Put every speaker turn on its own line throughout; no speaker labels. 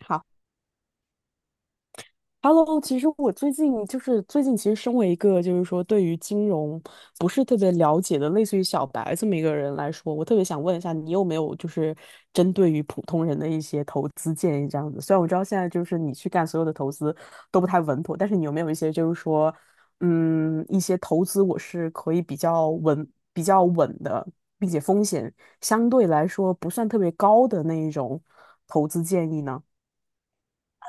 好，Hello，其实我最近其实身为一个就是说对于金融不是特别了解的，类似于小白这么一个人来说，我特别想问一下，你有没有就是针对于普通人的一些投资建议这样子？虽然我知道现在就是你去干所有的投资都不太稳妥，但是你有没有一些就是说，一些投资我是可以比较稳的，并且风险相对来说不算特别高的那一种投资建议呢？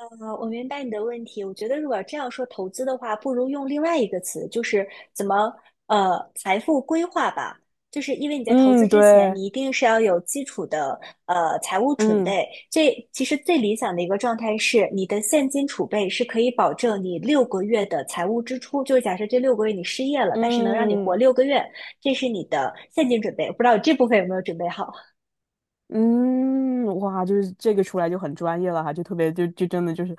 啊，我明白你的问题。我觉得，如果这样说投资的话，不如用另外一个词，就是怎么财富规划吧。就是因为你在投资
嗯，
之前，
对，
你一定是要有基础的财务准
嗯。
备。这其实最理想的一个状态是，你的现金储备是可以保证你六个月的财务支出。就是假设这六个月你失业了，但是能让你活
嗯
六个月，这是你的现金准备。我不知道这部分有没有准备好，
嗯，哇，就是这个出来就很专业了哈，就特别就真的就是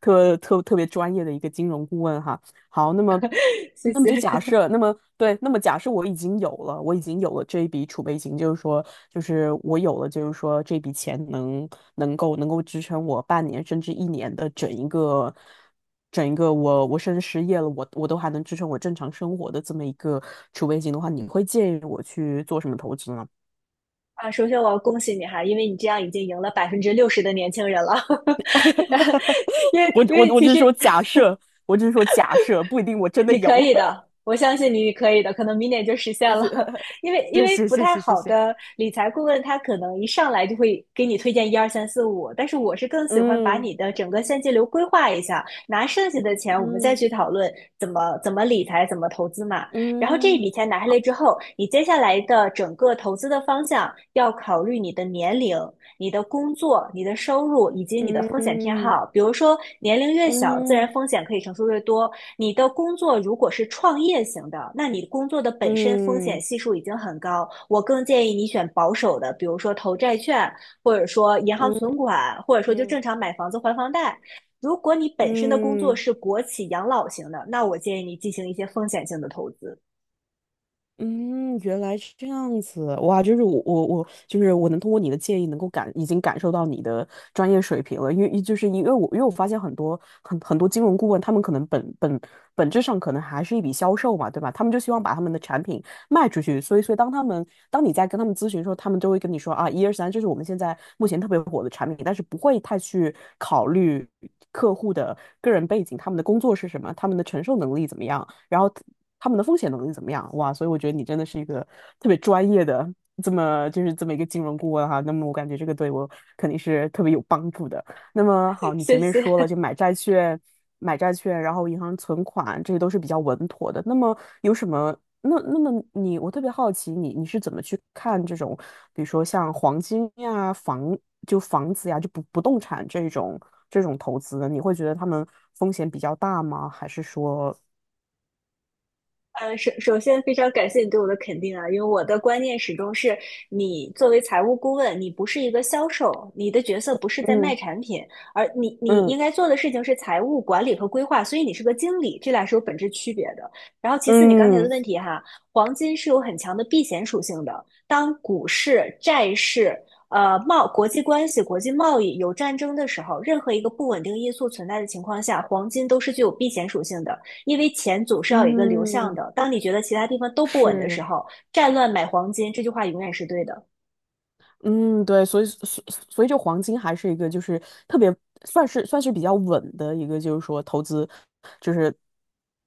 特别专业的一个金融顾问哈。好，那么
谢
那么就假
谢。
设，那么对，那么假设我已经有了这一笔储备金，就是说，就是我有了，就是说这笔钱能够支撑我半年甚至一年的整一个我甚至失业了，我都还能支撑我正常生活的这么一个储备金的话，你会建议我去做什么投资呢？
啊，首先我要恭喜你哈，因为你这样已经赢了60%的年轻人了。
哈哈，
因为
我
因为
我我
其
只是
实
说假设，我只是说假设，不一定我真的
你可
有。
以的，我相信你，你可以的，可能明年就实现了。因为因
谢
为
谢
不
谢
太
谢谢
好
谢，
的理财顾问，他可能一上来就会给你推荐一二三四五，但是我是更喜欢把
嗯
你的整个现金流规划一下，拿剩下的钱我们再
嗯
去讨论怎么理财、怎么投资嘛。然后这一
嗯
笔钱拿下来之后，你接下来的整个投资的方向要考虑你的年龄、你的工作、你的收入以及你的风险偏
嗯
好。比如说，年龄越小，自然
嗯
风险可以承受越多；你的工作如果是创业型的，那你工作的本身风
嗯
险
嗯
系数已经很高。我更建议你选保守的，比如说投债券，或者说银行存款，或者说就
嗯
正常买房子还房贷。如果你本身的工作
嗯。
是国企养老型的，那我建议你进行一些风险性的投资。
嗯，原来是这样子，哇，就是我我我，就是我能通过你的建议，能够已经感受到你的专业水平了，因为就是因为我发现很多金融顾问，他们可能本质上可能还是一笔销售嘛，对吧？他们就希望把他们的产品卖出去。所以，当他们当你在跟他们咨询的时候，他们都会跟你说啊，一二三，这是我们现在目前特别火的产品，但是不会太去考虑客户的个人背景、他们的工作是什么、他们的承受能力怎么样，然后他们的风险能力怎么样。哇，所以我觉得你真的是一个特别专业的这么一个金融顾问哈。那么我感觉这个对我肯定是特别有帮助的。那么好，你前
谢
面说了，
谢。
就买债券,然后银行存款，这些都是比较稳妥的。那么有什么？那那么你，我特别好奇你是怎么去看这种，比如说像黄金呀、房子呀、就不动产这种投资的？你会觉得他们风险比较大吗？还是说，
首先非常感谢你对我的肯定啊，因为我的观念始终是，你作为财务顾问，你不是一个销售，你的角色不是在卖
嗯
产品，而你
嗯
应该做的事情是财务管理和规划，所以你是个经理，这俩是有本质区别的。然后其次，你刚才的
嗯
问题哈，黄金是有很强的避险属性的，当股市、债市。国际关系、国际贸易有战争的时候，任何一个不稳定因素存在的情况下，黄金都是具有避险属性的。因为钱总是要有一个流向
嗯，
的。当你觉得其他地方都不稳的时
是。
候，战乱买黄金这句话永远是对的。
嗯，对，所以就黄金还是一个就是特别算是比较稳的一个，就是说投资，就是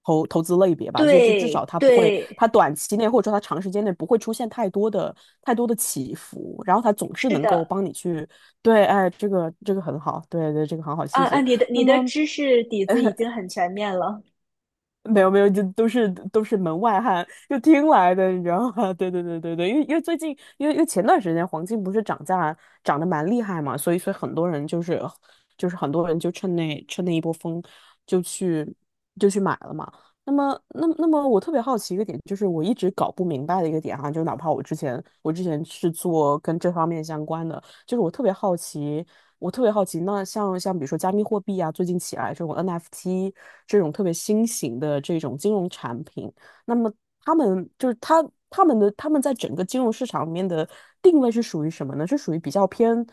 投资类别吧，就至少
对
它不会，
对，
它短期内或者说它长时间内不会出现太多的起伏，然后它总是
是
能够
的，
帮你去，对，哎，这个很好，对对，这个很好，谢
啊啊，
谢。
你的
那
你的
么
知识底子已 经很全面了。
没有没有，就都是门外汉，就听来的，你知道吗？对对对对对，因为最近，因为前段时间黄金不是涨价涨得蛮厉害嘛，所以很多人就趁那一波风就去就去买了嘛。那么那么我特别好奇一个点，就是我一直搞不明白的一个点哈、就哪怕我之前是做跟这方面相关的，就是我特别好奇,那像比如说加密货币啊，最近起来这种 NFT 这种特别新型的这种金融产品，那么他们就是他他们的他们在整个金融市场里面的定位是属于什么呢？是属于比较偏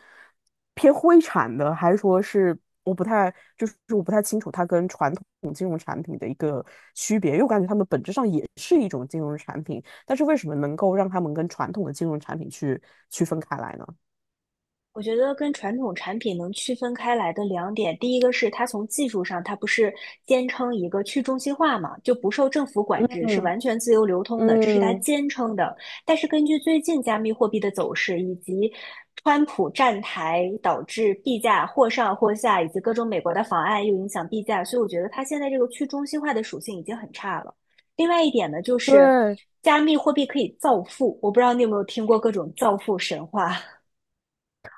偏灰产的，还是说是我不太清楚它跟传统金融产品的一个区别，因为我感觉它们本质上也是一种金融产品，但是为什么能够让他们跟传统的金融产品去区分开来呢？
我觉得跟传统产品能区分开来的两点，第一个是它从技术上，它不是坚称一个去中心化嘛，就不受政府管制，是
嗯。
完全自由流通的，这是它
嗯，
坚称的。但是根据最近加密货币的走势，以及川普站台导致币价或上或下，以及各种美国的法案又影响币价，所以我觉得它现在这个去中心化的属性已经很差了。另外一点呢，就是
对
加密货币可以造富，我不知道你有没有听过各种造富神话。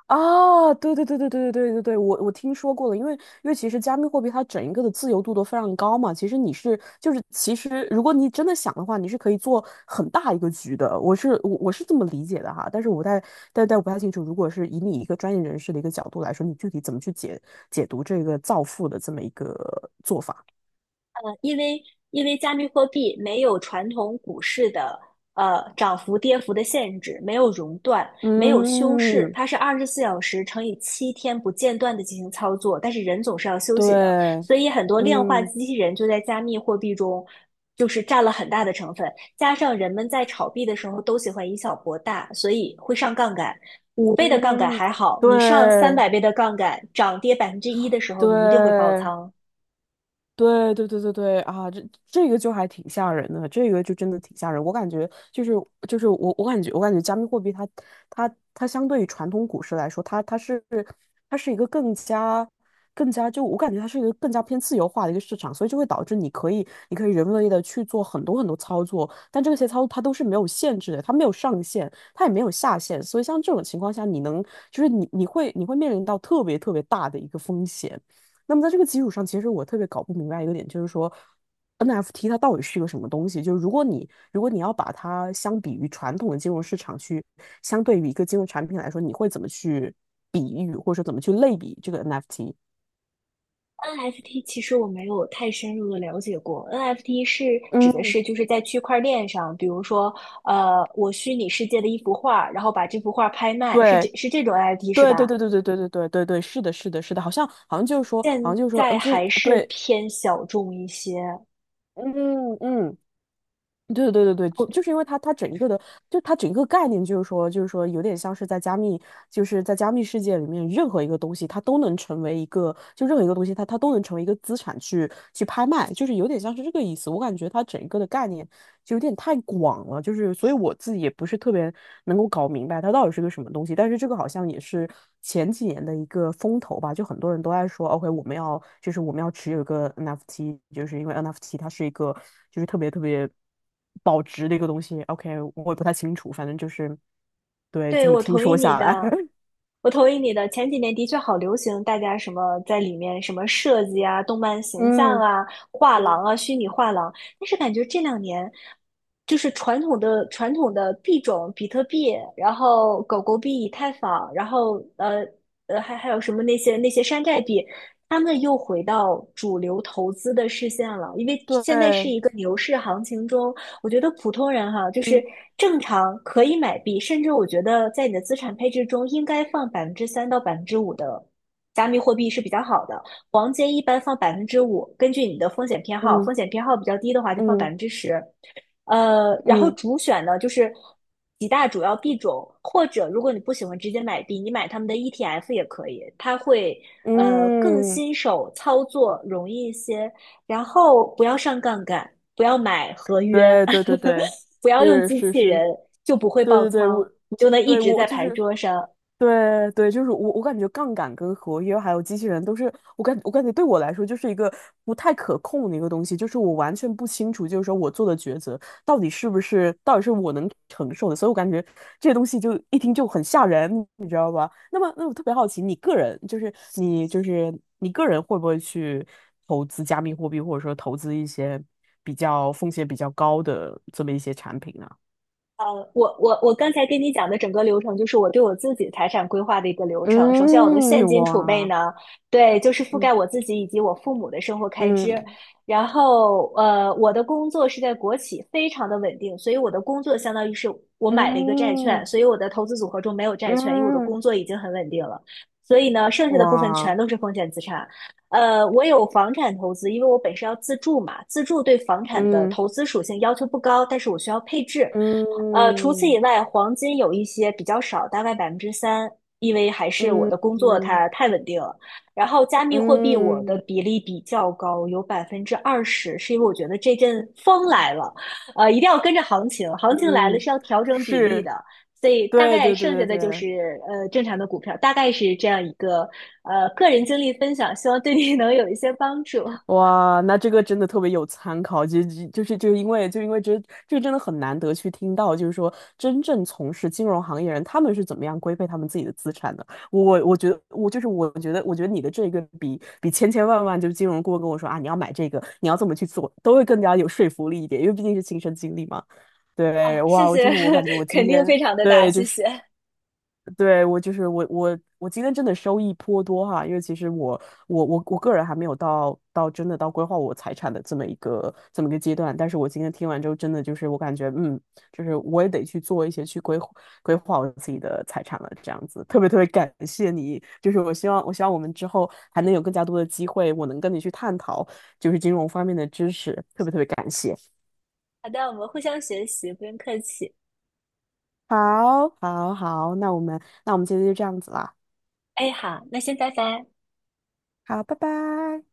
啊，对对对对对对对对对，我听说过了，因为其实加密货币它整一个的自由度都非常高嘛，其实如果你真的想的话，你是可以做很大一个局的，我是这么理解的哈，但是我不太但但我不太清楚，如果是以你一个专业人士的一个角度来说，你具体怎么去解读这个造富的这么一个做法？
因为因为加密货币没有传统股市的涨幅跌幅的限制，没有熔断，没有休市，
嗯，
它是24小时乘以7天不间断的进行操作，但是人总是要休息的，
对，
所以很多量化
嗯
机器人就在加密货币中。就是占了很大的成分，加上人们在炒币的时候都喜欢以小博大，所以会上杠杆。5倍的杠杆
嗯，
还好，你上三
对
百倍的杠杆，涨跌1%的时候，你一定会爆
对。
仓。
对对对对对啊，这个就还挺吓人的，这个就真的挺吓人。我感觉就是我感觉加密货币它相对于传统股市来说，它是一个更加就我感觉它是一个更加偏自由化的一个市场，所以就会导致你可以人为的去做很多很多操作，但这些操作它都是没有限制的，它没有上限，它也没有下限，所以像这种情况下，你能就是你你会你会面临到特别特别大的一个风险。那么在这个基础上，其实我特别搞不明白一个点，就是说 NFT 它到底是一个什么东西？就是如果你要把它相比于传统的金融市场去，相对于一个金融产品来说，你会怎么去比喻，或者说怎么去类比这个 NFT?
NFT 其实我没有太深入的了解过，NFT 是指的
嗯，
是就是在区块链上，比如说，我虚拟世界的一幅画，然后把这幅画拍卖，是这
对
是这种 NFT 是
对对
吧？
对对对对对对对对，是的，是的，是的，好像好像就是说，好像
现
就是说，嗯，
在
就是
还是
对，
偏小众一些。
嗯嗯，对对对对，就是因为它整一个的，就它整个概念就是说，有点像是在加密，就是在加密世界里面，任何一个东西它都能成为一个，就任何一个东西它都能成为一个资产去拍卖，就是有点像是这个意思。我感觉它整一个的概念就有点太广了，就是所以我自己也不是特别能够搞明白它到底是个什么东西。但是这个好像也是前几年的一个风头吧，就很多人都在说，OK,我们要持有一个 NFT,就是因为 NFT 它是一个就是特别特别保值的一个东西。OK,我也不太清楚，反正就是对
对，
这么
我
听
同意
说
你
下来，
的，我同意你的。前几年的确好流行，大家什么在里面什么设计啊、动漫形象
嗯
啊、画
嗯，
廊啊、虚拟画廊，但是感觉这两年就是传统的币种，比特币，然后狗狗币、以太坊，然后还有什么那些山寨币，他们又回到主流投资的视线了，因为现在是
对，
一个牛市行情中。我觉得普通人哈，就是
嗯
正常可以买币，甚至我觉得在你的资产配置中应该放百分之三到百分之五的加密货币是比较好的。黄金一般放百分之五，根据你的风险偏好，
嗯
风险偏好比较低的话就放百
嗯
分之十。然后
嗯
主选呢就是几大主要币种，或者如果你不喜欢直接买币，你买他们的 ETF 也可以，它会更
嗯，
新手操作容易一些，然后不要上杠杆，不要买合约
对对对对，
不要用
是
机
是
器
是，
人，就不会
对
爆
对对，
仓，
我
你就能一
对
直
我
在
就
牌
是。
桌上。
对对，就是我，我感觉杠杆跟合约还有机器人都是我感觉对我来说就是一个不太可控的一个东西，就是我完全不清楚，就是说我做的抉择到底是不是到底是我能承受的，所以我感觉这些东西就一听就很吓人，你知道吧？那么，那我特别好奇，你个人就是你就是你个人会不会去投资加密货币，或者说投资一些比较风险比较高的这么一些产品呢？
呃，我刚才跟你讲的整个流程，就是我对我自己财产规划的一个流程。首先，我的
嗯，
现金储备
哇，
呢，对，就是覆盖我
嗯
自己以及我父母的生活开支。
嗯。
然后，我的工作是在国企，非常的稳定，所以我的工作相当于是我买了一个债券，
嗯
所以我的投资组合中没有债券，因为我的
嗯，
工作已经很稳定了。所以呢，剩下的部分
哇，
全都是风险资产。我有房产投资，因为我本身要自住嘛，自住对房产的
嗯
投资属性要求不高，但是我需要配置。除
嗯
此以外，黄金有一些比较少，大概百分之三，因为还是我
嗯
的工作
嗯
它太稳定了。然后加密货币我的
嗯
比例比较高，有20%，是因为我觉得这阵风
嗯，
来了，一定要跟着行情，行情来了
嗯
是要调整比例
是，
的。所以大
对
概
对对
剩
对
下的就
对，
是正常的股票，大概是这样一个个人经历分享，希望对你 能有一些帮助
哇，那这个真的特别有参考，因为这个真的很难得去听到，就是说真正从事金融行业人他们是怎么样规备他们自己的资产的。我觉得我觉得你的这个比千千万万就是金融顾问跟我说啊，你要买这个，你要这么去做，都会更加有说服力一点，因为毕竟是亲身经历嘛。
啊，
对，
谢
哇，我就
谢，
是我感觉我 今
肯定
天
非常的大，
对就
谢
是。
谢。
对，我就是我我我今天真的收益颇多哈，因为其实我个人还没有到到真的到规划我财产的这么一个阶段，但是我今天听完之后，真的就是我感觉就是我也得去做一些去规划规划我自己的财产了，这样子特别特别感谢你，就是我希望我们之后还能有更加多的机会，我能跟你去探讨就是金融方面的知识，特别特别感谢。
好的，我们互相学习，不用客气。
好，好，好，那我们今天就这样子啦，
哎，好，那先拜拜。
好，拜拜。